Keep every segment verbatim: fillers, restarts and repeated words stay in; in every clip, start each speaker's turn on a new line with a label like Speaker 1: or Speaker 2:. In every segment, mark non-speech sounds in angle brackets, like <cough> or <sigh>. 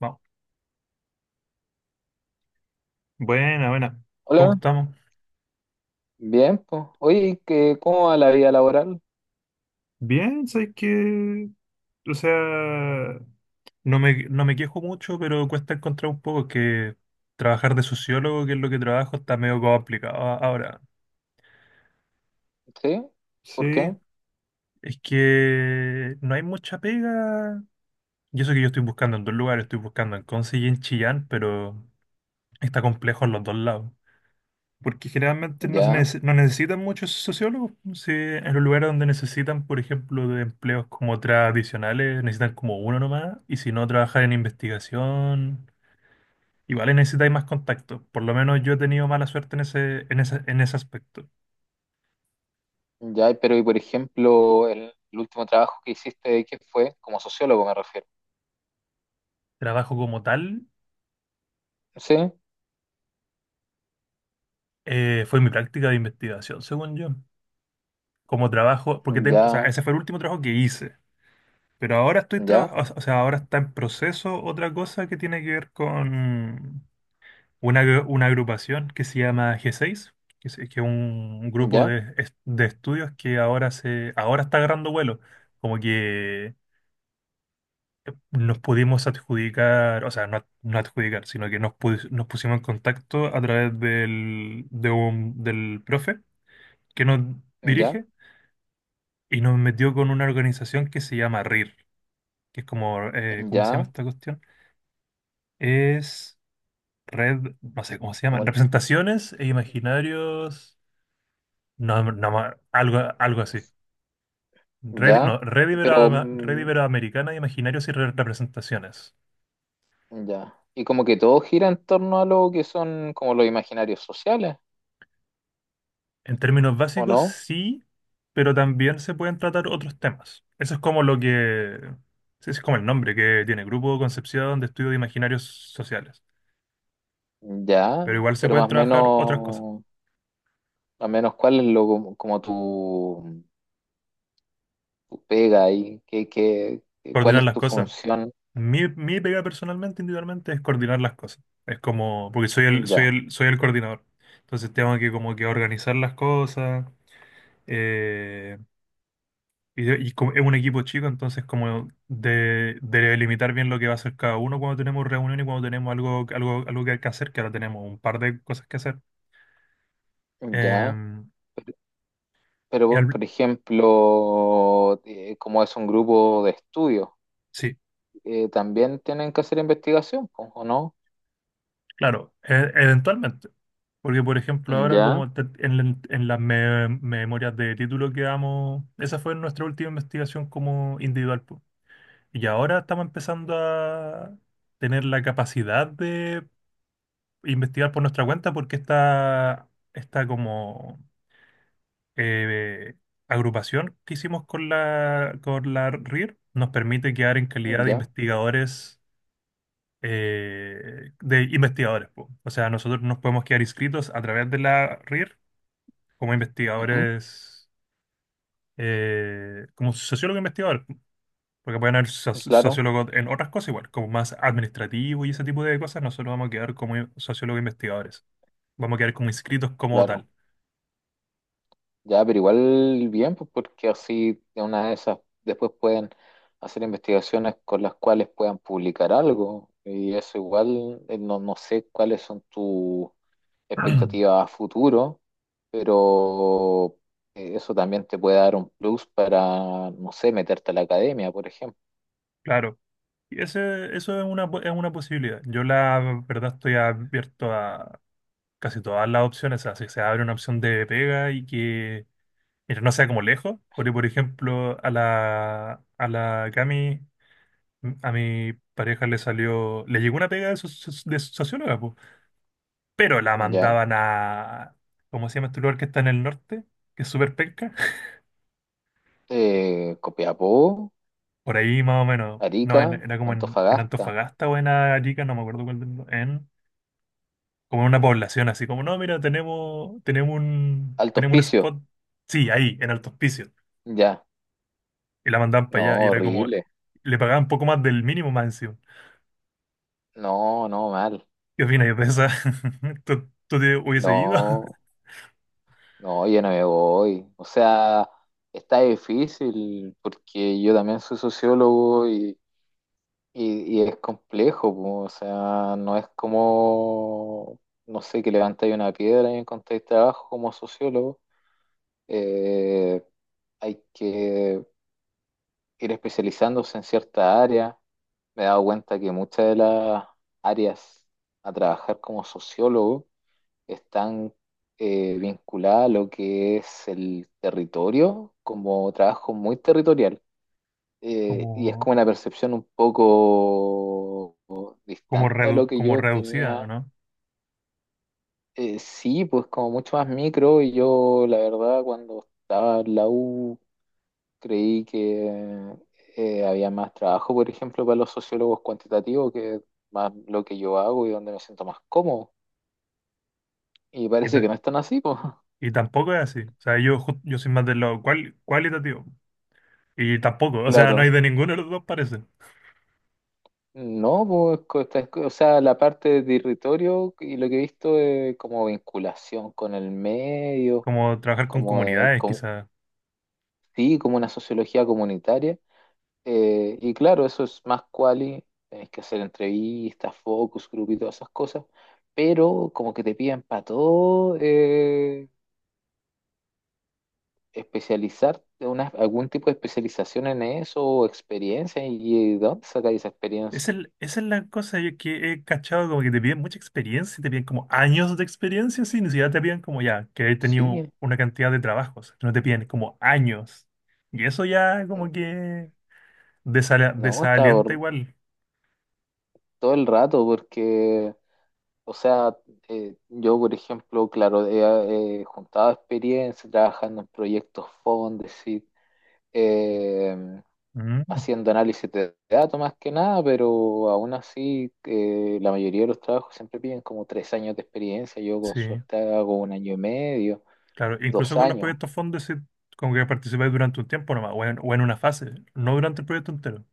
Speaker 1: Vamos. Buena, buena. ¿Cómo
Speaker 2: Hola,
Speaker 1: estamos?
Speaker 2: bien, pues. Oye, ¿qué, ¿cómo va la vida laboral?
Speaker 1: Bien, sabes que, o sea, no me, no me quejo mucho, pero cuesta encontrar un poco que trabajar de sociólogo, que es lo que trabajo, está medio complicado a- ahora.
Speaker 2: ¿Sí?
Speaker 1: Sí,
Speaker 2: ¿Por qué?
Speaker 1: es que no hay mucha pega. Y eso que yo estoy buscando en dos lugares, estoy buscando en Conce y en Chillán, pero está complejo en los dos lados. Porque generalmente no, se
Speaker 2: Ya,
Speaker 1: neces- no necesitan muchos sociólogos. Si en los lugares donde necesitan, por ejemplo, de empleos como tradicionales, necesitan como uno nomás. Y si no, trabajar en investigación, igual necesitáis más contacto. Por lo menos yo he tenido mala suerte en ese, en ese, en ese aspecto.
Speaker 2: ya, pero y por ejemplo, el, el último trabajo que hiciste, ¿qué fue? Como sociólogo me refiero.
Speaker 1: Trabajo como tal,
Speaker 2: ¿Sí?
Speaker 1: eh, fue mi práctica de investigación, según yo. Como trabajo, porque tengo, o sea,
Speaker 2: Ya,
Speaker 1: ese fue el último trabajo que hice. Pero ahora estoy
Speaker 2: ya,
Speaker 1: trabajando, o sea, ahora está en proceso otra cosa que tiene que ver con una, agru- una agrupación que se llama G seis, que es, que es un grupo
Speaker 2: ya,
Speaker 1: de, es- de estudios que ahora, se, ahora está agarrando vuelo. Como que nos pudimos adjudicar, o sea, no, ad- no adjudicar, sino que nos, pus- nos pusimos en contacto a través del, de un- del profe que nos
Speaker 2: ya,
Speaker 1: dirige y nos metió con una organización que se llama R I R, que es como, eh, ¿cómo se llama
Speaker 2: ya,
Speaker 1: esta cuestión? Es red, no sé cómo se llama,
Speaker 2: ol-
Speaker 1: representaciones e imaginarios. No, no, ma- algo, algo así. Red, no,
Speaker 2: ya,
Speaker 1: red,
Speaker 2: y pero
Speaker 1: ibero- Red
Speaker 2: mm,
Speaker 1: iberoamericana de imaginarios y re- representaciones.
Speaker 2: ya. Y como que todo gira en torno a lo que son como los imaginarios sociales,
Speaker 1: En términos
Speaker 2: ¿o
Speaker 1: básicos,
Speaker 2: no?
Speaker 1: sí, pero también se pueden tratar otros temas. Eso es como lo que... Sí, ese es como el nombre que tiene, Grupo Concepción de Estudio de Imaginarios Sociales.
Speaker 2: Ya,
Speaker 1: Pero igual se
Speaker 2: pero
Speaker 1: pueden
Speaker 2: más o
Speaker 1: trabajar otras cosas,
Speaker 2: menos, más o menos, ¿cuál es lo como como tu tu pega ahí, qué, qué, qué- cuál
Speaker 1: coordinar
Speaker 2: es
Speaker 1: las
Speaker 2: tu
Speaker 1: cosas.
Speaker 2: función?
Speaker 1: Mi, mi pega personalmente, individualmente, es coordinar las cosas. Es como, porque soy el, soy
Speaker 2: Ya,
Speaker 1: el, soy el coordinador. Entonces tengo que como que organizar las cosas. eh, Y, de- y como es un equipo chico, entonces como de, de limitar bien lo que va a hacer cada uno cuando tenemos reunión y cuando tenemos algo, algo, algo que hay que hacer, que ahora tenemos un par de cosas que hacer.
Speaker 2: ya.
Speaker 1: Em,
Speaker 2: Pero,
Speaker 1: y
Speaker 2: pero
Speaker 1: al-
Speaker 2: por ejemplo, eh, como es un grupo de estudio,
Speaker 1: sí,
Speaker 2: eh, también tienen que hacer investigación, po, ¿o no?
Speaker 1: claro, e- eventualmente. Porque, por ejemplo, ahora
Speaker 2: Ya,
Speaker 1: como te- en, la- en las me- memorias de título que damos, esa fue nuestra última investigación como individual, po. Y ahora estamos empezando a tener la capacidad de investigar por nuestra cuenta porque está, está como, eh, agrupación que hicimos con la, con la R I R nos permite quedar en calidad de
Speaker 2: ya,
Speaker 1: investigadores, eh, de investigadores, po. O sea, nosotros nos podemos quedar inscritos a través de la R I R como
Speaker 2: ujú,
Speaker 1: investigadores, eh, como sociólogos investigadores, po. Porque pueden haber so-
Speaker 2: claro,
Speaker 1: sociólogos en otras cosas igual, como más administrativo y ese tipo de cosas, nosotros vamos a quedar como sociólogos investigadores, vamos a quedar como inscritos como
Speaker 2: claro.
Speaker 1: tal.
Speaker 2: Ya, pero igual bien, pues porque así de una de esas después pueden hacer investigaciones con las cuales puedan publicar algo. Y eso igual, eh, no, no sé cuáles son tus
Speaker 1: <clears throat>
Speaker 2: expectativas a futuro, pero eh, eso también te puede dar un plus para, no sé, meterte a la academia, por ejemplo.
Speaker 1: Claro. Y ese, eso es una, po- es una posibilidad. Yo la verdad estoy abierto a casi todas las opciones. O sea, si se abre una opción de pega y que, mira, no sea como lejos. Porque, por ejemplo, a la, a la Cami, a mi pareja le salió, le llegó una pega de, soci- de socióloga, po, pero la
Speaker 2: ¿Ya?
Speaker 1: mandaban a, ¿cómo se llama este lugar que está en el norte? Que es súper penca. <laughs>
Speaker 2: Eh, Copiapó,
Speaker 1: Por ahí más o menos. No, en-
Speaker 2: Arica,
Speaker 1: era como en, en
Speaker 2: Antofagasta,
Speaker 1: Antofagasta o en Arica, no me acuerdo cuál. del- En, como en una población así, como, no, mira, tenemos, tenemos un,
Speaker 2: Alto
Speaker 1: tenemos un
Speaker 2: Hospicio.
Speaker 1: spot, sí, ahí, en Alto Hospicio.
Speaker 2: ¿Ya?
Speaker 1: Y la mandaban para
Speaker 2: No,
Speaker 1: allá y era como,
Speaker 2: horrible,
Speaker 1: le pagaban poco más del mínimo más encima.
Speaker 2: no, no, mal,
Speaker 1: ¿Qué opinas? Yo pensaba, <laughs> ¿tú, tú te hubiese ido
Speaker 2: no, no, yo no me voy, o sea, está difícil porque yo también soy sociólogo y Y, y es complejo, po, o sea, no es como, no sé, que levantáis una piedra y encontráis trabajo como sociólogo. Eh, hay que ir especializándose en cierta área. Me he dado cuenta que muchas de las áreas a trabajar como sociólogo están eh, vinculadas a lo que es el territorio, como trabajo muy territorial,
Speaker 1: <laughs>
Speaker 2: eh, y es
Speaker 1: como,
Speaker 2: como una percepción un poco
Speaker 1: como,
Speaker 2: distante a lo
Speaker 1: redu-
Speaker 2: que
Speaker 1: como
Speaker 2: yo
Speaker 1: reducida, ¿o
Speaker 2: tenía.
Speaker 1: no?
Speaker 2: Eh, sí, pues como mucho más micro, y yo la verdad cuando estaba en la U creí que eh, había más trabajo, por ejemplo, para los sociólogos cuantitativos, que es más lo que yo hago y donde me siento más cómodo. Y
Speaker 1: Y,
Speaker 2: parece
Speaker 1: ta-
Speaker 2: que no es tan así, pues. <laughs>
Speaker 1: y tampoco es así. O sea, yo, ju- yo soy más del lado cual- cualitativo. Y tampoco, o sea, no hay
Speaker 2: Claro.
Speaker 1: de ninguno de los dos, parece.
Speaker 2: No, pues, co- esta- o sea, la parte de territorio y lo que he visto es como vinculación con el medio,
Speaker 1: Como trabajar con
Speaker 2: como de,
Speaker 1: comunidades,
Speaker 2: com-
Speaker 1: quizás.
Speaker 2: sí, como una sociología comunitaria. Eh, y claro, eso es más quali, tenés que hacer entrevistas, focus group y todas esas cosas, pero como que te piden para todo, eh, especializarte, una, algún tipo de especialización en eso o experiencia, y, ¿de dónde sacáis esa experiencia?
Speaker 1: Esa es, esa es la cosa yo que he cachado, como que te piden mucha experiencia, te piden como años de experiencia, sí, ni siquiera te piden como ya, que he
Speaker 2: Sí,
Speaker 1: tenido una cantidad de trabajos, no te piden como años. Y eso ya como que desala-
Speaker 2: no, estaba
Speaker 1: desalienta igual.
Speaker 2: todo el rato porque. O sea, eh, yo, por ejemplo, claro, he eh, juntado experiencia trabajando en proyectos Fondesit, eh,
Speaker 1: Mm,
Speaker 2: haciendo análisis de datos más que nada, pero aún así, eh, la mayoría de los trabajos siempre piden como tres años de experiencia. Yo con
Speaker 1: sí,
Speaker 2: suerte hago un año y medio,
Speaker 1: claro, incluso
Speaker 2: dos
Speaker 1: con los
Speaker 2: años.
Speaker 1: proyectos fondos, sí, como que participáis durante un tiempo nomás, o en, o en una fase, no durante el proyecto entero,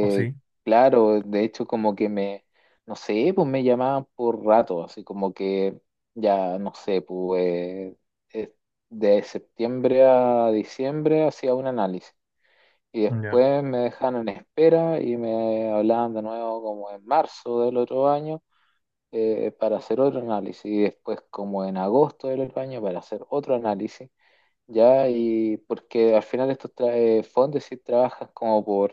Speaker 1: ¿o sí?
Speaker 2: claro, de hecho como que me, no sé, pues me llamaban por rato, así como que ya, no sé, pues, eh, de septiembre a diciembre hacía un análisis, y
Speaker 1: Ya,
Speaker 2: después me dejaban en espera y me hablaban de nuevo como en marzo del otro año, eh, para hacer otro análisis, y después como en agosto del otro año para hacer otro análisis. Ya, y porque al final estos tra- eh, fondos sí trabajan como por,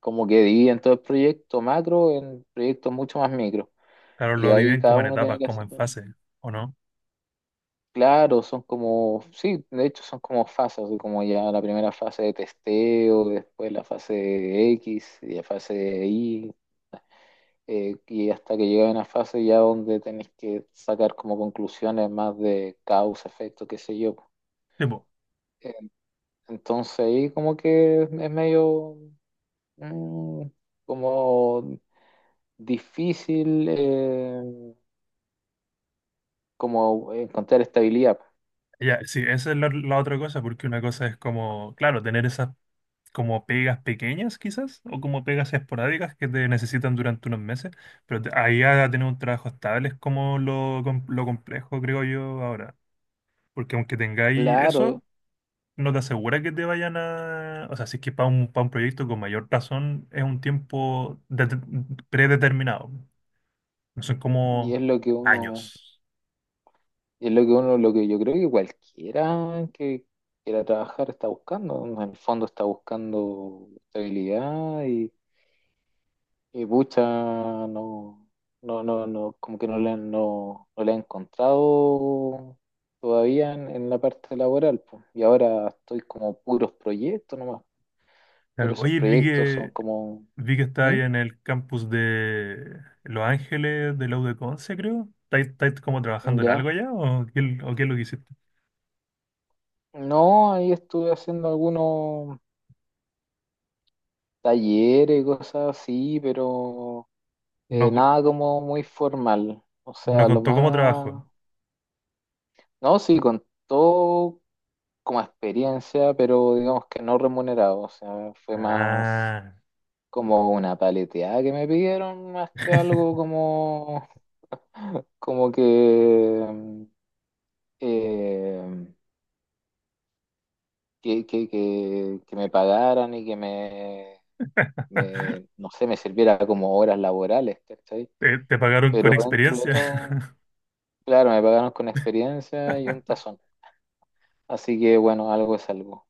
Speaker 2: como que dividen todo el proyecto macro en proyectos mucho más micro.
Speaker 1: claro,
Speaker 2: Y de
Speaker 1: lo
Speaker 2: ahí
Speaker 1: dividen
Speaker 2: cada
Speaker 1: como en
Speaker 2: uno tiene
Speaker 1: etapas,
Speaker 2: que
Speaker 1: como
Speaker 2: hacer,
Speaker 1: en fases, ¿o no?
Speaker 2: claro, son como, sí, de hecho son como fases, así como ya la primera fase de testeo, después la fase de X, y la fase de Y, eh, y hasta que llega una fase ya donde tenés que sacar como conclusiones más de causa, efecto, qué sé yo.
Speaker 1: Sí,
Speaker 2: Eh, Entonces ahí como que es medio, mm, como difícil, eh, como encontrar estabilidad.
Speaker 1: ya, sí, esa es la, la otra cosa, porque una cosa es como, claro, tener esas como pegas pequeñas quizás, o como pegas esporádicas que te necesitan durante unos meses, pero te- ahí a tener un trabajo estable es como lo, com- lo complejo, creo yo, ahora. Porque aunque tengáis
Speaker 2: Claro,
Speaker 1: eso, no te asegura que te vayan a... O sea, si es que para un, para un proyecto con mayor razón es un tiempo det- predeterminado, no son
Speaker 2: y es
Speaker 1: como
Speaker 2: lo que uno,
Speaker 1: años.
Speaker 2: y es lo que uno, lo que yo creo que cualquiera que quiera trabajar está buscando. En el fondo está buscando estabilidad, y, y pucha, no, no, no, no, como que no le han, no, no le han encontrado todavía en, en la parte laboral, pues. Y ahora estoy como puros proyectos nomás,
Speaker 1: Claro,
Speaker 2: pero esos
Speaker 1: oye, vi
Speaker 2: proyectos son
Speaker 1: que
Speaker 2: como.
Speaker 1: vi que está
Speaker 2: ¿Mm?
Speaker 1: ahí en el campus de Los Ángeles, de la U de Conce, creo. ¿Estáis estáis como trabajando en
Speaker 2: Ya.
Speaker 1: algo allá o qué, o qué es lo que hiciste?
Speaker 2: No, ahí estuve haciendo algunos talleres, cosas así, pero
Speaker 1: No,
Speaker 2: eh,
Speaker 1: cu-
Speaker 2: nada como muy formal. O
Speaker 1: no
Speaker 2: sea, lo
Speaker 1: contó cómo trabajo.
Speaker 2: más. No, sí, contó como experiencia, pero digamos que no remunerado. O sea, fue más
Speaker 1: Ah,
Speaker 2: como una paleteada que me pidieron, más que algo como, como que, mm, eh, que, que, que, que me pagaran y que me,
Speaker 1: <laughs>
Speaker 2: me, no sé, me sirviera como horas laborales, ¿cachai?
Speaker 1: te, te pagaron con
Speaker 2: Pero dentro de
Speaker 1: experiencia.
Speaker 2: todo,
Speaker 1: <laughs>
Speaker 2: claro, me pagaron con experiencia y un tazón. Así que bueno, algo es algo.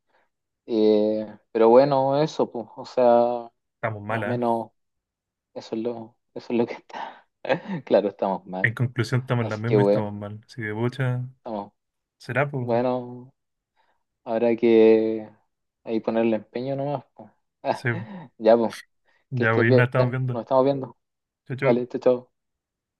Speaker 2: Eh, pero bueno, eso, pues, o sea,
Speaker 1: Estamos
Speaker 2: más
Speaker 1: mal,
Speaker 2: o
Speaker 1: ¿eh?
Speaker 2: menos eso es lo, eso es lo que está. <laughs> Claro, estamos mal.
Speaker 1: En conclusión, estamos en la
Speaker 2: Así que
Speaker 1: misma y estamos
Speaker 2: bueno,
Speaker 1: mal. Así que, pucha,
Speaker 2: estamos.
Speaker 1: será, pues.
Speaker 2: Bueno, habrá que ahí ponerle empeño nomás, pues.
Speaker 1: Sí,
Speaker 2: <laughs> Ya, pues, que
Speaker 1: ya
Speaker 2: estés
Speaker 1: hoy nos
Speaker 2: bien.
Speaker 1: estamos viendo.
Speaker 2: Nos estamos viendo.
Speaker 1: Chau, chau.
Speaker 2: Vale, chao, chao.